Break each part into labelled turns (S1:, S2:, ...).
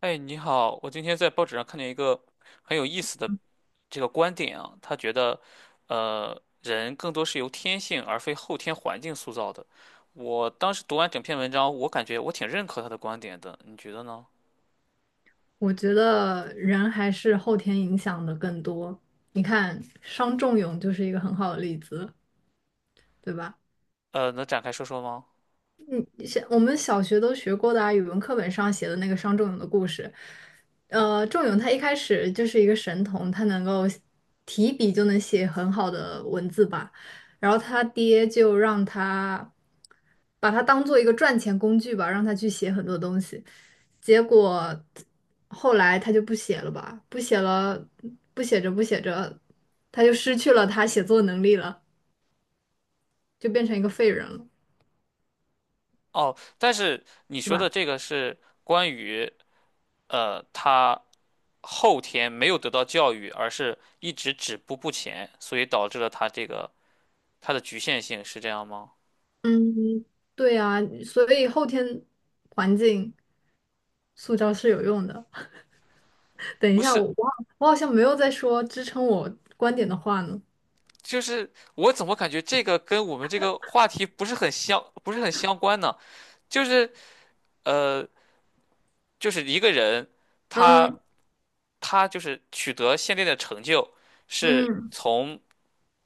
S1: 哎，你好，我今天在报纸上看见一个很有意思的这个观点啊，他觉得，人更多是由天性而非后天环境塑造的。我当时读完整篇文章，我感觉我挺认可他的观点的，你觉得呢？
S2: 我觉得人还是后天影响的更多。你看，商仲永就是一个很好的例子，对吧？
S1: 能展开说说吗？
S2: 像我们小学都学过的啊，语文课本上写的那个商仲永的故事。仲永他一开始就是一个神童，他能够提笔就能写很好的文字吧。然后他爹就让他把他当做一个赚钱工具吧，让他去写很多东西。结果后来他就不写了吧，不写了，不写着不写着，他就失去了他写作能力了，就变成一个废人了，
S1: 哦，但是你
S2: 是
S1: 说的
S2: 吧？
S1: 这个是关于他后天没有得到教育，而是一直止步不前，所以导致了他这个他的局限性，是这样吗？
S2: 嗯，对啊，所以后天环境塑造是有用的。等一
S1: 不
S2: 下，我
S1: 是，
S2: 我好我好像没有在说支撑我观点的话呢。
S1: 就是我怎么感觉这个跟我们这个话题不是很相，不是很相关呢？就是呃，就是一个人，他
S2: 嗯
S1: 他就是取得现在的成就，是
S2: 嗯
S1: 从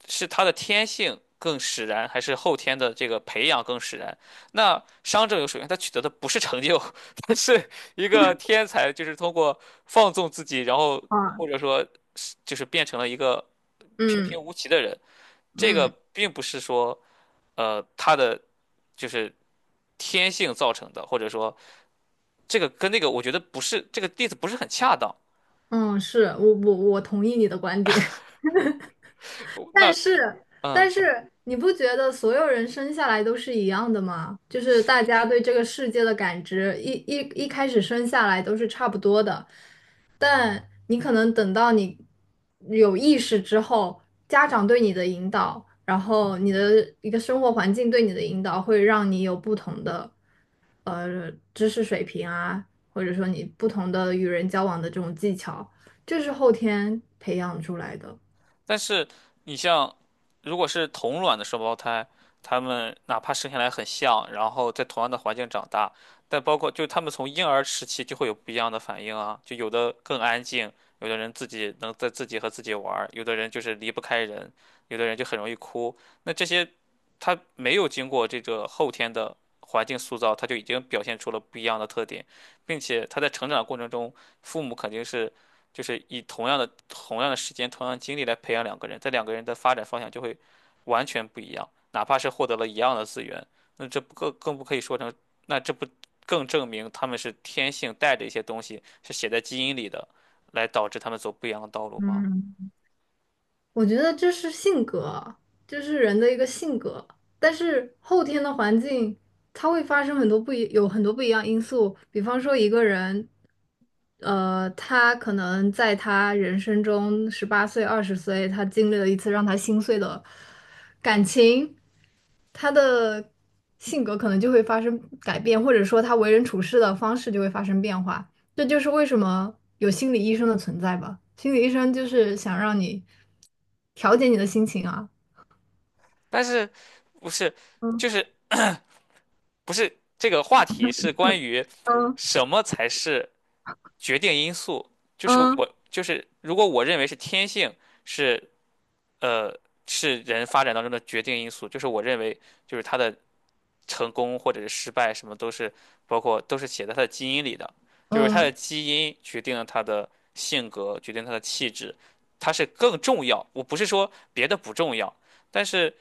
S1: 是他的天性更使然，还是后天的这个培养更使然？那商纣有首先他取得的不是成就，他是一个天才，就是通过放纵自己，然后
S2: 啊，
S1: 或者说是就是变成了一个平
S2: 嗯
S1: 平无奇的人。这个
S2: 嗯
S1: 并不是说。它的就是天性造成的，或者说这个跟那个，我觉得不是这个例子不是很恰当。
S2: 嗯，是我同意你的观点。但
S1: 那
S2: 是，
S1: 嗯、
S2: 但是你不觉得所有人生下来都是一样的吗？就是大家对这个世界的感知，一开始生下来都是差不多的，但你可能等到你有意识之后，家长对你的引导，然后你的一个生活环境对你的引导，会让你有不同的知识水平啊，或者说你不同的与人交往的这种技巧，这是后天培养出来的。
S1: 但是你像，如果是同卵的双胞胎，他们哪怕生下来很像，然后在同样的环境长大，但包括就他们从婴儿时期就会有不一样的反应啊，就有的更安静，有的人自己能在自己和自己玩儿，有的人就是离不开人，有的人就很容易哭。那这些他没有经过这个后天的环境塑造，他就已经表现出了不一样的特点，并且他在成长过程中，父母肯定是。就是以同样的时间、同样的精力来培养两个人，这两个人的发展方向就会完全不一样。哪怕是获得了一样的资源，那这不更更不可以说成，那这不更证明他们是天性带着一些东西，是写在基因里的，来导致他们走不一样的道路吗？
S2: 我觉得这是性格啊，这是人的一个性格。但是后天的环境，它会发生很多不一，有很多不一样因素。比方说，一个人，他可能在他人生中18岁、20岁，他经历了一次让他心碎的感情，他的性格可能就会发生改变，或者说他为人处事的方式就会发生变化。这就是为什么有心理医生的存在吧？心理医生就是想让你调节你的心情啊。
S1: 但是不是
S2: 嗯
S1: 就是不是这个话题是关于
S2: 嗯
S1: 什么才是决定因素？就是
S2: 嗯
S1: 我就是如果我认为是天性是呃，是人发展当中的决定因素。就是我认为，就是他的成功或者是失败，什么都是包括都是写在他的基因里的，就是他的
S2: 嗯
S1: 基因决定了他的性格，决定他的气质，他是更重要。我不是说别的不重要，但是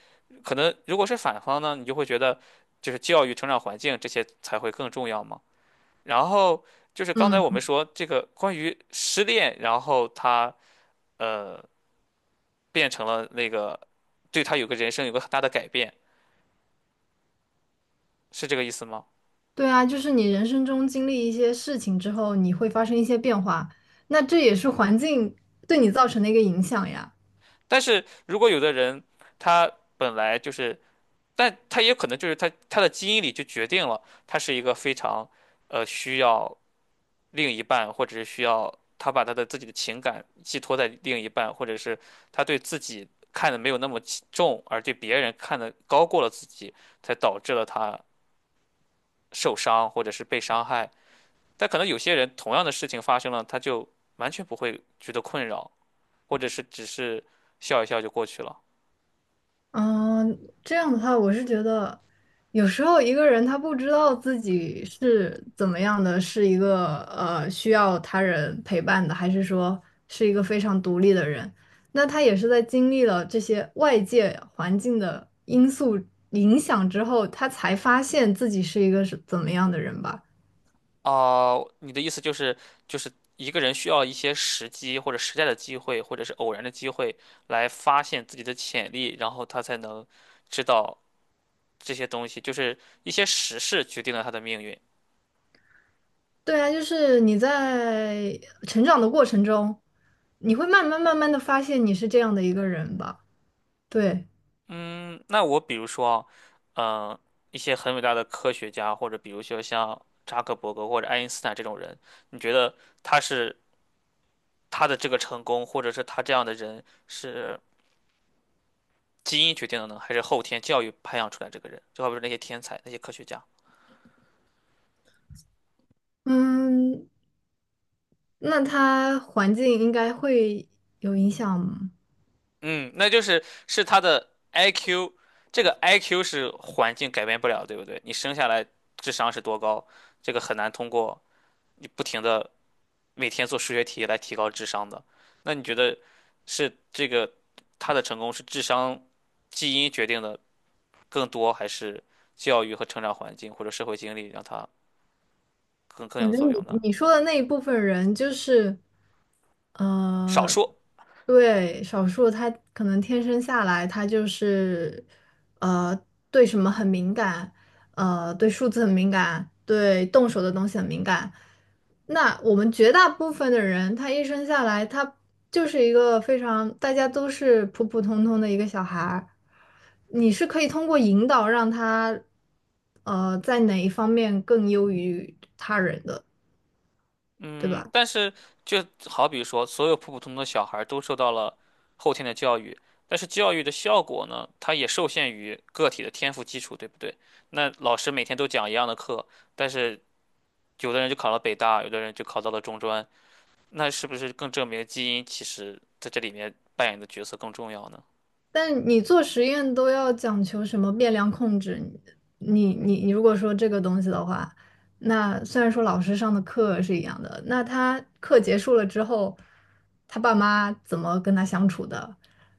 S1: 可能如果是反方呢，你就会觉得就是教育、成长环境这些才会更重要嘛。然后就是刚才我
S2: 嗯，
S1: 们说这个关于失恋，然后他呃变成了那个对他有个人生有个很大的改变，是这个意思吗？
S2: 对啊，就是你人生中经历一些事情之后，你会发生一些变化，那这也是环境对你造成的一个影响呀。
S1: 但是如果有的人他本来就是，但他也可能就是他的基因里就决定了他是一个非常需要另一半，或者是需要他把他的自己的情感寄托在另一半，或者是他对自己看的没有那么起重，而对别人看的高过了自己，才导致了他受伤或者是被伤害。但可能有些人同样的事情发生了，他就完全不会觉得困扰，或者是只是笑一笑就过去了。
S2: 嗯，这样的话，我是觉得，有时候一个人他不知道自己是怎么样的，是一个需要他人陪伴的，还是说是一个非常独立的人，那他也是在经历了这些外界环境的因素影响之后，他才发现自己是一个是怎么样的人吧。
S1: 哦，你的意思就是，就是一个人需要一些时机或者时代的机会，或者是偶然的机会来发现自己的潜力，然后他才能知道这些东西，就是一些时事决定了他的命运。
S2: 对啊，就是你在成长的过程中，你会慢慢慢慢的发现你是这样的一个人吧。对。
S1: 嗯，那我比如说，嗯、一些很伟大的科学家，或者比如说像扎克伯格或者爱因斯坦这种人，你觉得他是？他的这个成功，或者是他这样的人是基因决定的呢，还是后天教育培养出来这个人？就好比说那些天才、那些科学家，
S2: 嗯，那他环境应该会有影响吗？
S1: 嗯，那就是他的 IQ，这个 IQ 是环境改变不了，对不对？你生下来智商是多高，这个很难通过你不停的每天做数学题来提高智商的。那你觉得是这个他的成功是智商基因决定的更多，还是教育和成长环境或者社会经历让他更
S2: 我
S1: 有
S2: 觉得
S1: 作用呢？
S2: 你说的那一部分人就是，
S1: 少
S2: 呃，
S1: 数，
S2: 对，少数他可能天生下来他就是，呃，对什么很敏感，对数字很敏感，对动手的东西很敏感，那我们绝大部分的人，他一生下来，他就是一个非常，大家都是普普通通的一个小孩儿。你是可以通过引导让他，在哪一方面更优于他人的，对
S1: 嗯，
S2: 吧？
S1: 但是就好比说，所有普普通通的小孩儿都受到了后天的教育，但是教育的效果呢，它也受限于个体的天赋基础，对不对？那老师每天都讲一样的课，但是有的人就考了北大，有的人就考到了中专，那是不是更证明基因其实在这里面扮演的角色更重要呢？
S2: 但你做实验都要讲求什么变量控制？你如果说这个东西的话，那虽然说老师上的课是一样的，那他课结束了之后，他爸妈怎么跟他相处的？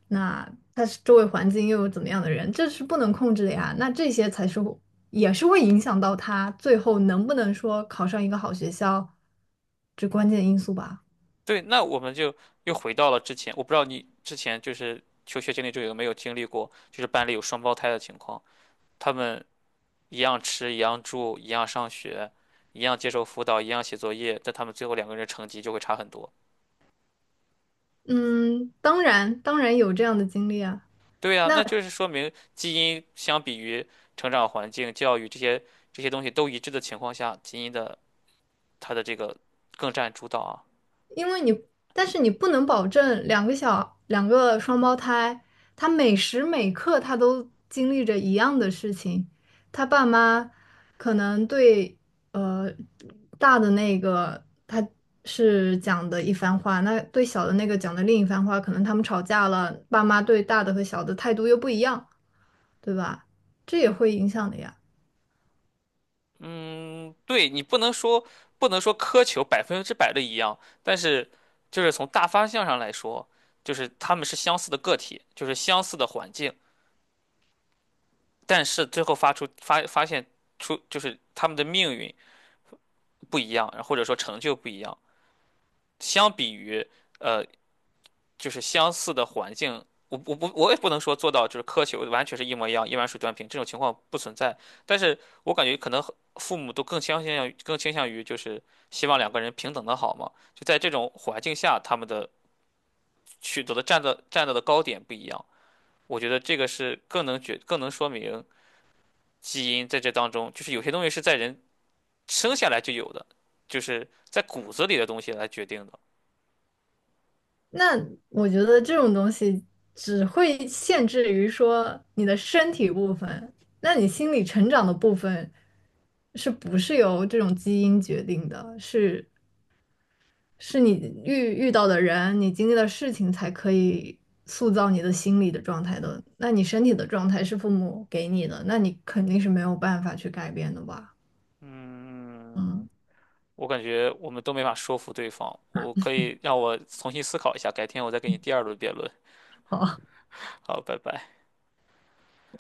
S2: 那他是周围环境又有怎么样的人？这是不能控制的呀。那这些才是会也是会影响到他最后能不能说考上一个好学校，这关键因素吧。
S1: 对，那我们就又回到了之前，我不知道你之前就是求学经历中有没有经历过，就是班里有双胞胎的情况，他们。一样吃，一样住，一样上学，一样接受辅导，一样写作业，但他们最后两个人成绩就会差很多。
S2: 嗯，当然当然有这样的经历啊。
S1: 对呀，
S2: 那。
S1: 那就是说明基因相比于成长环境、教育这些东西都一致的情况下，基因的它的这个更占主导啊。
S2: 因为你，但是你不能保证两个双胞胎，他每时每刻他都经历着一样的事情。他爸妈可能对呃大的那个他是讲的一番话，那对小的那个讲的另一番话，可能他们吵架了，爸妈对大的和小的态度又不一样，对吧？这也会影响的呀。
S1: 嗯，对，你不能说苛求百分之百的一样，但是就是从大方向上来说，就是他们是相似的个体，就是相似的环境，但是最后发现出就是他们的命运。不一样，或者说成就不一样。相比于呃，就是相似的环境，我也不能说做到就是苛求完全是一模一样，一碗水端平这种情况不存在。但是我感觉可能父母都更倾向于就是希望两个人平等的好嘛。就在这种环境下，他们的取得的站到的高点不一样。我觉得这个是更能说明基因在这当中，就是有些东西是在人生下来就有的，就是在骨子里的东西来决定的。
S2: 那我觉得这种东西只会限制于说你的身体部分，那你心理成长的部分是不是由这种基因决定的？是是你遇到的人，你经历的事情才可以塑造你的心理的状态的。那你身体的状态是父母给你的，那你肯定是没有办法去改变的吧？
S1: 嗯，
S2: 嗯，
S1: 我感觉我们都没法说服对方。我可以让我重新思考一下，改天我再给你第二轮辩论。
S2: 好，
S1: 好，拜拜。